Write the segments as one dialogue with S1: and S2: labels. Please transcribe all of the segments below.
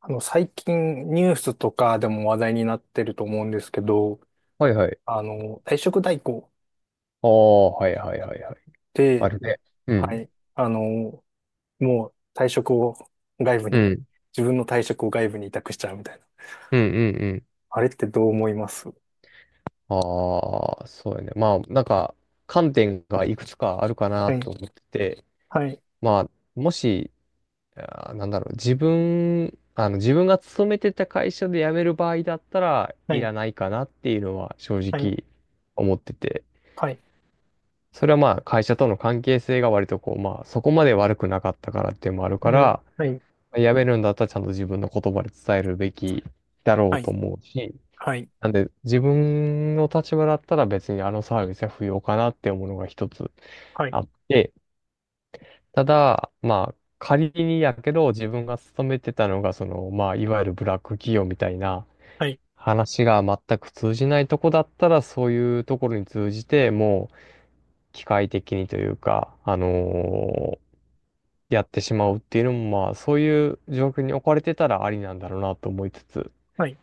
S1: 最近ニュースとかでも話題になってると思うんですけど、
S2: はいはい。
S1: 退職代行っ
S2: ああ、はいはいはいはい。あ
S1: て、
S2: るね。う
S1: は
S2: ん。
S1: い、もう退職を外部
S2: う
S1: に、
S2: ん。
S1: 自分の退職を外部に委託しちゃうみたいな。
S2: うんうんうん。
S1: あれってどう思います？
S2: ああ、そうやね。まあ、なんか、観点がいくつかあるかな
S1: はい、
S2: と思ってて、
S1: はい、
S2: まあ、もし、自分が勤めてた会社で辞める場合だったら、
S1: は
S2: い
S1: い、
S2: らないかなっていうのは正
S1: はい、
S2: 直思ってて、
S1: はい、
S2: それはまあ、会社との関係性が割とこう、まあ、そこまで悪くなかったからっていうのもある
S1: う
S2: か
S1: ん、
S2: ら、
S1: はい、
S2: やめるんだったらちゃんと自分の言葉で伝えるべきだろ
S1: は
S2: うと
S1: い、
S2: 思うし、
S1: はい、
S2: なんで自分の立場だったら別にあのサービスは不要かなって思うのが一つ
S1: はい、
S2: あって、ただ、まあ仮にやけど自分が勤めてたのがその、まあいわゆるブラック企業みたいな
S1: はい、
S2: 話が全く通じないとこだったらそういうところに通じてもう機械的にというか、やってしまうっていうのもまあそういう状況に置かれてたらありなんだろうなと思いつつ、
S1: はい、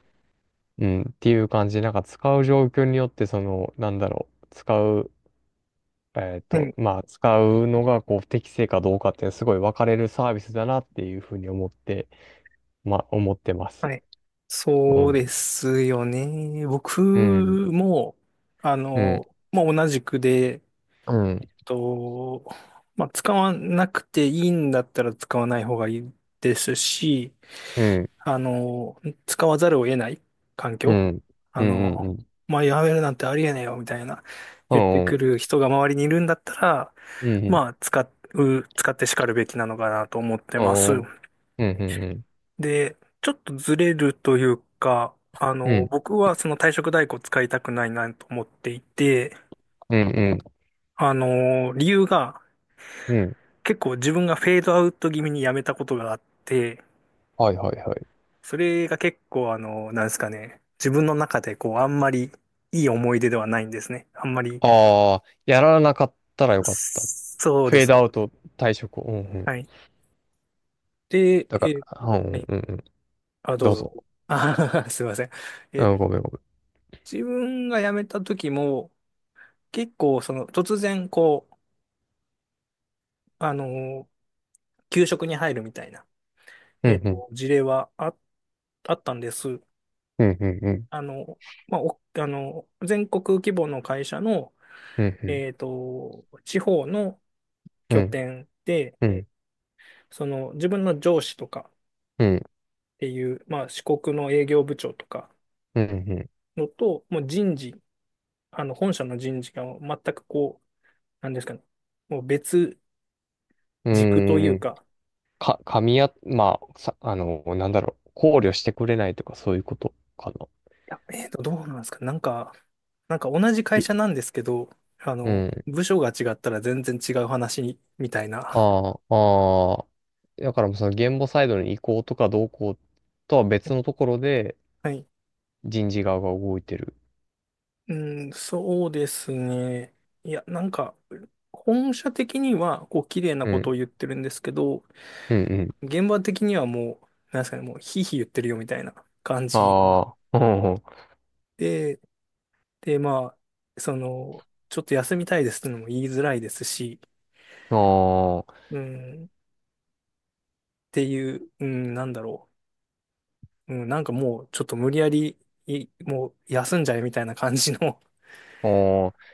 S2: うん、っていう感じで、なんか使う状況によって、その、なんだろう、使う、
S1: うん、
S2: まあ、使うのが、こう、適正かどうかって、すごい分かれるサービスだなっていうふうに思って、まあ、思ってます。
S1: はい。
S2: う
S1: そう
S2: ん。
S1: ですよね。僕
S2: うん。
S1: も、
S2: うん。
S1: まあ、同じくで、
S2: うん。
S1: と、まあ、使わなくていいんだったら使わない方がいいですし、
S2: うん。
S1: あの、使わざるを得ない環
S2: う
S1: 境、
S2: ん。
S1: あ
S2: うん。うん。
S1: の、
S2: うん。
S1: まあ、やめるなんてありえねえよみたいな
S2: う
S1: 言ってく
S2: ん。
S1: る人が周りにいるんだったら、
S2: うん。うん。
S1: まあ、使って叱るべきなのかなと思って
S2: う
S1: ます。
S2: ん。うん。
S1: で、ちょっとずれるというか、あ
S2: う
S1: の、
S2: ん。
S1: 僕はその退職代行使いたくないなと思っていて、
S2: うん。
S1: あの、理由が、
S2: うん。
S1: 結構自分がフェードアウト気味にやめたことがあって、
S2: はいはいはい。
S1: それが結構あの、なんですかね、自分の中でこう、あんまりいい思い出ではないんですね。あんまり、
S2: ああ、やらなかったらよかった。
S1: そう
S2: フ
S1: で
S2: ェー
S1: す
S2: ドア
S1: ね。
S2: ウト退職を。うん。うん。
S1: はい。で、
S2: だから、う
S1: は
S2: ん。
S1: い。
S2: うん。うん。
S1: あ、どう
S2: どう
S1: ぞ。
S2: ぞ。
S1: あー すいません。え
S2: うん、
S1: ー
S2: ごめんごめん。
S1: 自分が辞めた時も、結構その、突然こう、あのー、給食に入るみたいな、
S2: うん、うん、
S1: 事例はあったんです。
S2: うん、うん、
S1: あの、まあ、お、あの、全国規模の会社の、
S2: うん、うん、
S1: 地方の
S2: う
S1: 拠
S2: ん、
S1: 点で、
S2: うん、
S1: その自分の上司とかっ
S2: うん、
S1: ていう、まあ、四国の営業部長とか
S2: うん、
S1: のと、もう人事、あの、本社の人事が全くこう、なんですかね、もう別
S2: う
S1: 軸とい
S2: ん、う
S1: う
S2: ん、
S1: か、
S2: か、噛み合、まあ、さ、あの、なんだろう、考慮してくれないとかそういうことかな。
S1: いや、どうなんですか、なんか、なんか同じ会
S2: ぎ
S1: 社なんですけど、あ
S2: う
S1: の、
S2: ん、
S1: 部署が違ったら全然違う話みたいな。
S2: ああ、ああ、だからもうその言語サイドの移行とかどうこうとは別のところで
S1: はい、
S2: 人事側が動いてる。
S1: うん、そうですね。いや、なんか、本社的には、こう、綺麗な
S2: う
S1: ことを
S2: ん、
S1: 言ってるんですけど、
S2: うん、うん。
S1: 現場的にはもう、なんですかね、もう、ひいひい言ってるよみたいな感じ
S2: ああ、うん、
S1: で、で、まあ、その、ちょっと休みたいですってのも言いづらいですし、
S2: ああ、
S1: うん、っていう、うん、なんだろう。うん、なんかもう、ちょっと無理やり、いもう、休んじゃえみたいな感じの
S2: ああ、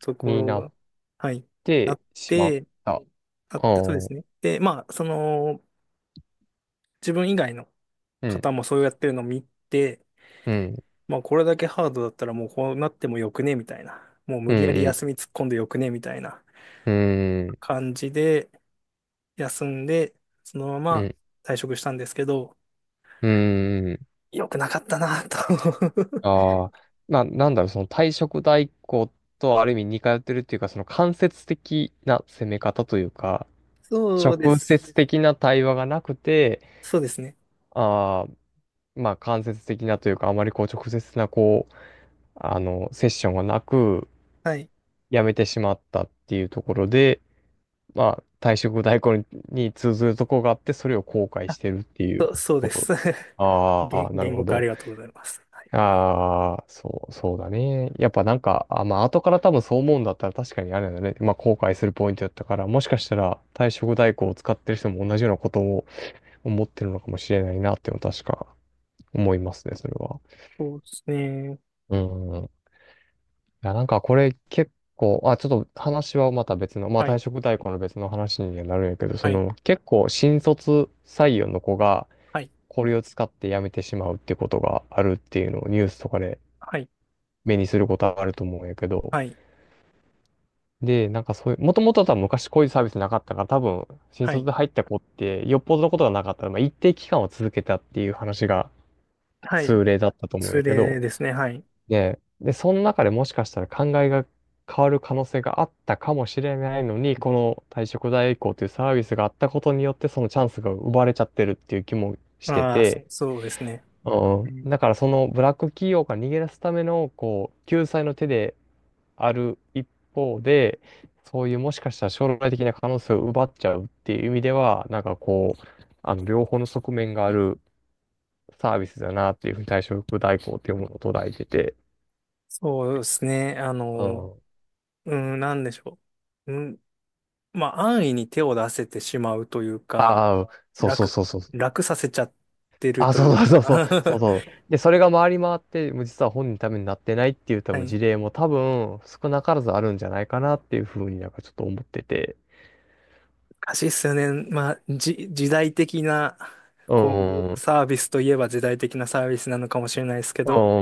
S1: とこ
S2: に
S1: ろ
S2: なっ
S1: が、はい、あ
S2: て
S1: っ
S2: しまっ
S1: て、
S2: た。あ
S1: あっ
S2: あ、
S1: て、そうですね。で、まあ、その、自分以外の
S2: うん、
S1: 方もそうやってるのを見て、
S2: うん、
S1: まあこれだけハードだったらもうこうなってもよくねみたいな。もう
S2: う
S1: 無
S2: ん、
S1: 理やり
S2: うん、
S1: 休み突っ込んでよくねみたいな
S2: うん。
S1: 感じで休んで、そのま
S2: う
S1: ま
S2: ん。
S1: 退職したんですけど、
S2: うーん。
S1: 良くなかったなと
S2: ああ。なんだろう、その退職代行とある意味似通ってるっていうか、その間接的な攻め方というか、
S1: そうで
S2: 直
S1: す。
S2: 接的な対話がなくて、
S1: そうですね。
S2: ああ、まあ間接的なというか、あまりこう直接なこう、セッションがなく、
S1: はい。
S2: 辞めてしまったっていうところで、まあ退職代行に、通ずるところがあって、それを後悔し
S1: あ、
S2: てるっていう
S1: そう
S2: こ
S1: で
S2: と。
S1: す。
S2: ああ、なる
S1: 言
S2: ほ
S1: 語化あり
S2: ど。
S1: がとうございます。はい。
S2: ああ、そう、そうだね。やっぱなんか、まあ、後から多分そう思うんだったら確かにあれだね。まあ、後悔するポイントだったから、もしかしたら退職代行を使ってる人も同じようなことを思ってるのかもしれないなっていうのは確か思いますね、それは。
S1: そうですね。
S2: うん。いや、なんかこれ結構、ちょっと話はまた別の、まあ、
S1: は
S2: 退
S1: い。
S2: 職代行の別の話にはなるんやけど、そ
S1: はい。
S2: の、結構新卒採用の子が
S1: はい。
S2: これを使って辞めてしまうってことがあるっていうのをニュースとかで
S1: はい。
S2: 目にすることはあると思うんやけど、
S1: はい。
S2: で、なんかそういう、もともと多分昔こういうサービスなかったから、多分、新
S1: は
S2: 卒
S1: い。
S2: で入った子って、よっぽどのことがなかったら、まあ一定期間は続けたっていう話が
S1: はい。
S2: 通例だったと思うんや
S1: ツ
S2: けど、
S1: レですね。はい。
S2: で、その中でもしかしたら考えが変わる可能性があったかもしれないのに、この退職代行というサービスがあったことによって、そのチャンスが奪われちゃってるっていう気もして
S1: ああ、
S2: て、
S1: そうですね。
S2: う
S1: う
S2: ん、
S1: ん。
S2: だからそのブラック企業から逃げ出すための、こう、救済の手で、ある一方で、そういうもしかしたら将来的な可能性を奪っちゃうっていう意味では、なんかこう、両方の側面があるサービスだなっていうふうに退職代行っていうものを捉えてて、
S1: そうですね。あ
S2: う
S1: の、
S2: ん。
S1: うん、なんでしょう。うん、まあ、安易に手を出せてしまうというか、
S2: ああ、そうそう
S1: 楽、
S2: そうそう。
S1: 楽させちゃってると
S2: そ
S1: い
S2: う
S1: う
S2: そうそうそう。そう
S1: か、
S2: そ う。で、それが回り回って、もう実は本人のためになってないっていう多
S1: は
S2: 分
S1: い。
S2: 事例も多分少なからずあるんじゃないかなっていうふうになんかちょっと思ってて。
S1: 難しいっすよね。まあ、時代的な、
S2: う
S1: こ
S2: ん。う
S1: う、
S2: ん。
S1: サービスといえば時代的なサービスなのかもしれないですけど、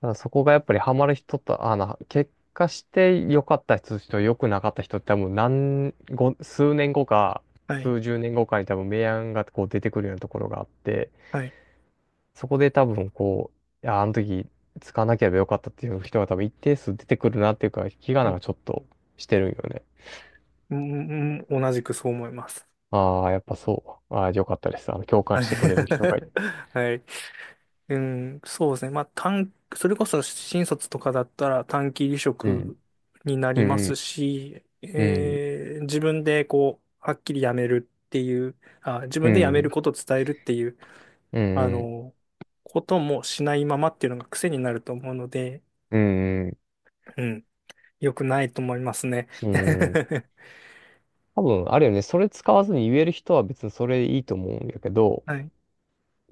S2: だからそこがやっぱりハマる人と、結果して良かった人と良くなかった人って多分数年後か、
S1: はい。
S2: 数十年後かに多分明暗がこう出てくるようなところがあって、
S1: はい。
S2: そこで多分こう、いや、あの時使わなければよかったっていう人が多分一定数出てくるなっていうか、気が
S1: は
S2: なん
S1: い、
S2: かちょっとしてるんよね。
S1: うん、うん同じくそう思います。
S2: ああ、やっぱそう。ああ、よかったです。共感してくれる人が いて。
S1: はい。うん、そうですね。まあ、それこそ新卒とかだったら短期離
S2: うん。
S1: 職にな
S2: う
S1: ります
S2: ん
S1: し、
S2: うん。
S1: 自分でこう、はっきり辞めるっていう、あ、自
S2: う
S1: 分で辞める
S2: ん。
S1: ことを伝えるっていう、
S2: うん。
S1: あ
S2: うん。
S1: の、こともしないままっていうのが癖になると思うので、
S2: うん。うん。
S1: うん、良くないと思いますね。
S2: うん。多分、あるよね。それ使わずに言える人は別にそれでいいと思うんやけど、
S1: はい、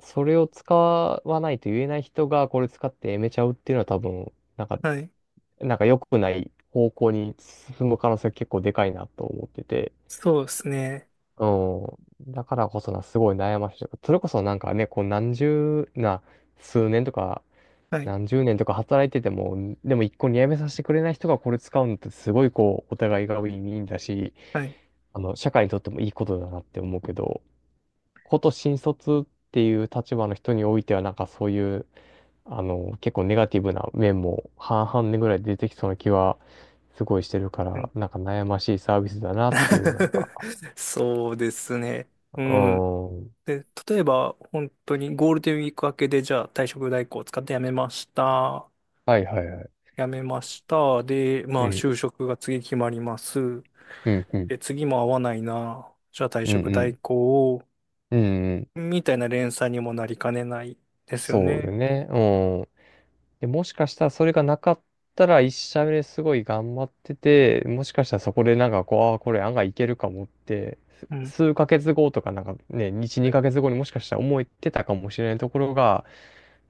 S2: それを使わないと言えない人がこれ使ってやめちゃうっていうのは多分、なんか、
S1: はい。
S2: なんか良くない方向に進む可能性が結構でかいなと思ってて。
S1: そうですね。
S2: うん。だからこそな、すごい悩ましい。それこそなんかね、こう何十な、数年とか、
S1: はい、
S2: 何十年とか働いてても、でも一個にやめさせてくれない人がこれ使うのってすごいこう、お互いがウィンウィンだし、
S1: はい、
S2: 社会にとってもいいことだなって思うけど、こと新卒っていう立場の人においては、なんかそういう、結構ネガティブな面も半々でぐらい出てきそうな気はすごいしてるか
S1: は
S2: ら、
S1: い。
S2: なんか悩ましいサービスだなっていう、なんか、
S1: そうですね。う
S2: う
S1: ん。
S2: ーん。
S1: で、例えば、本当にゴールデンウィーク明けで、じゃあ退職代行を使って辞めました。
S2: はいはいはい。
S1: 辞めました。で、ま
S2: う
S1: あ、
S2: ん、
S1: 就職が次決まります。
S2: うん、うん、
S1: で、次も合わないな。じゃあ退
S2: うん、
S1: 職
S2: う
S1: 代
S2: ん、
S1: 行を、
S2: うん、うん
S1: みたいな連鎖にもなりかねないですよ
S2: そうだ
S1: ね。
S2: よね。で、もしかしたらそれがなかったら一社目ですごい頑張ってて、もしかしたらそこでなんかこう、ああ、これ案外いけるかもって、
S1: うん。
S2: 数ヶ月後とかなんかね、1、
S1: はい、
S2: 2ヶ月後にもしかしたら思ってたかもしれないところが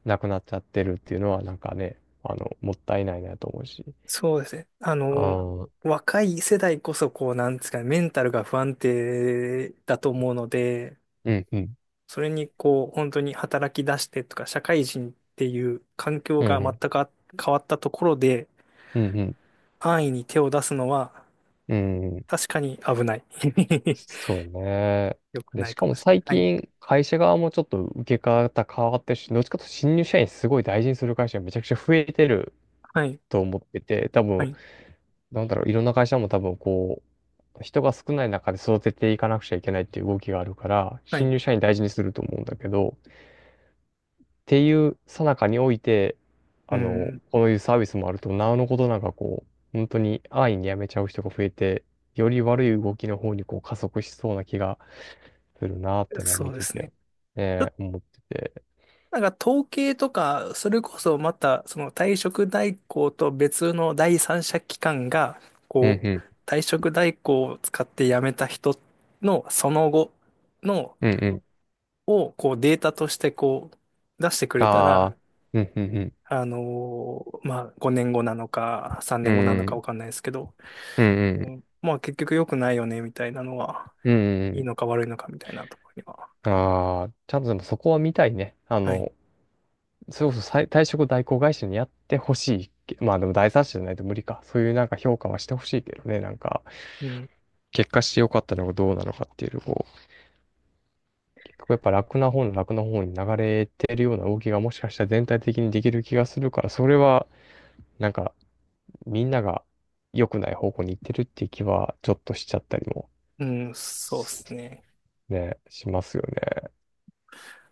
S2: なくなっちゃってるっていうのはなんかね、もったいないなと思うし。
S1: そうですね。あ
S2: あ
S1: の、
S2: あ、う
S1: 若い世代こそ、こう、なんですかね、メンタルが不安定だと思うので、
S2: んうん、
S1: それにこう、本当に働き出してとか、社会人っていう環境
S2: う
S1: が
S2: んう
S1: 全
S2: ん、
S1: く変わったところで、
S2: うん、
S1: 安易に手を出すのは、
S2: うん、うん、
S1: 確かに危ない。
S2: そうね。
S1: 良く
S2: で、
S1: ない
S2: しか
S1: かも
S2: も
S1: し
S2: 最
S1: れない。
S2: 近、会社側もちょっと受け方変わってるし、どっちかというと新入社員すごい大事にする会社がめちゃくちゃ増えてる
S1: はい。
S2: と思ってて、多
S1: は
S2: 分、
S1: い。
S2: なんだろう、いろんな会社も多分こう、人が少ない中で育てていかなくちゃいけないっていう動きがあるから、
S1: はい。は
S2: 新
S1: い。
S2: 入社員大事にすると思うんだけど、っていう最中において、
S1: うん。
S2: こういうサービスもあると、なおのことなんかこう、本当に安易に辞めちゃう人が増えて、より悪い動きの方にこう加速しそうな気がするなーってのは
S1: そ
S2: 見
S1: うで
S2: て
S1: す
S2: て、
S1: ね。
S2: ね、思ってて。
S1: なんか統計とか、それこそまた、その退職代行と別の第三者機関が、
S2: うん
S1: こう、
S2: う
S1: 退職代行を使って辞めた人のその後の
S2: ん、うんうん。
S1: をこうデータとしてこう出してくれた
S2: あ
S1: ら、
S2: あ、うんうんうん。
S1: あのまあ5年後なのか3
S2: う
S1: 年後なのかわ
S2: ん
S1: かんないですけど、
S2: うん、うんう
S1: う
S2: ん、
S1: んまあ結局良くないよねみたいなのは、
S2: うんう
S1: いい
S2: ん。
S1: のか悪いのかみたいなところには。
S2: ああ、ちゃんとでもそこは見たいね。
S1: はい。
S2: それこそ再退職代行会社にやってほしいけ。まあでも第三者じゃないと無理か。そういうなんか評価はしてほしいけどね。なんか、
S1: うん。
S2: 結果してよかったのかどうなのかっていうのを、結局やっぱ楽な方の楽な方に流れてるような動きがもしかしたら全体的にできる気がするから、それはなんかみんなが良くない方向に行ってるっていう気はちょっとしちゃったりも
S1: うん、そうですね。
S2: ね、しますよね。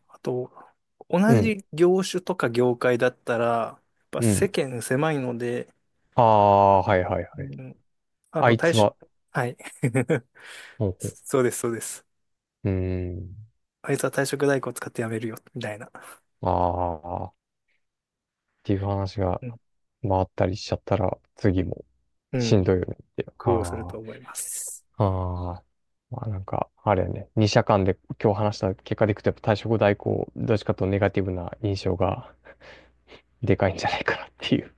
S1: あと、同
S2: うん、
S1: じ業種とか業界だったら、やっぱ
S2: う
S1: 世
S2: ん。
S1: 間狭いので、
S2: ああ、はいはい
S1: う
S2: はい。
S1: ん、あ
S2: あ
S1: の、
S2: い
S1: 退
S2: つ
S1: 職、
S2: は、
S1: はい。
S2: ほう
S1: そうです、そうです。
S2: うん。
S1: あいつは退職代行使ってやめるよ、みたいな。
S2: ああ、っていう話が
S1: うん。
S2: 回ったりしちゃったら、次も
S1: う
S2: し
S1: ん、
S2: んどいよねって。
S1: 工夫をする
S2: あ
S1: と思います。
S2: あ、ああ。まあなんか、あれやね、二者間で今日話した結果でいくと、やっぱ退職代行、どっちかというとネガティブな印象がでかいんじゃないかなっていう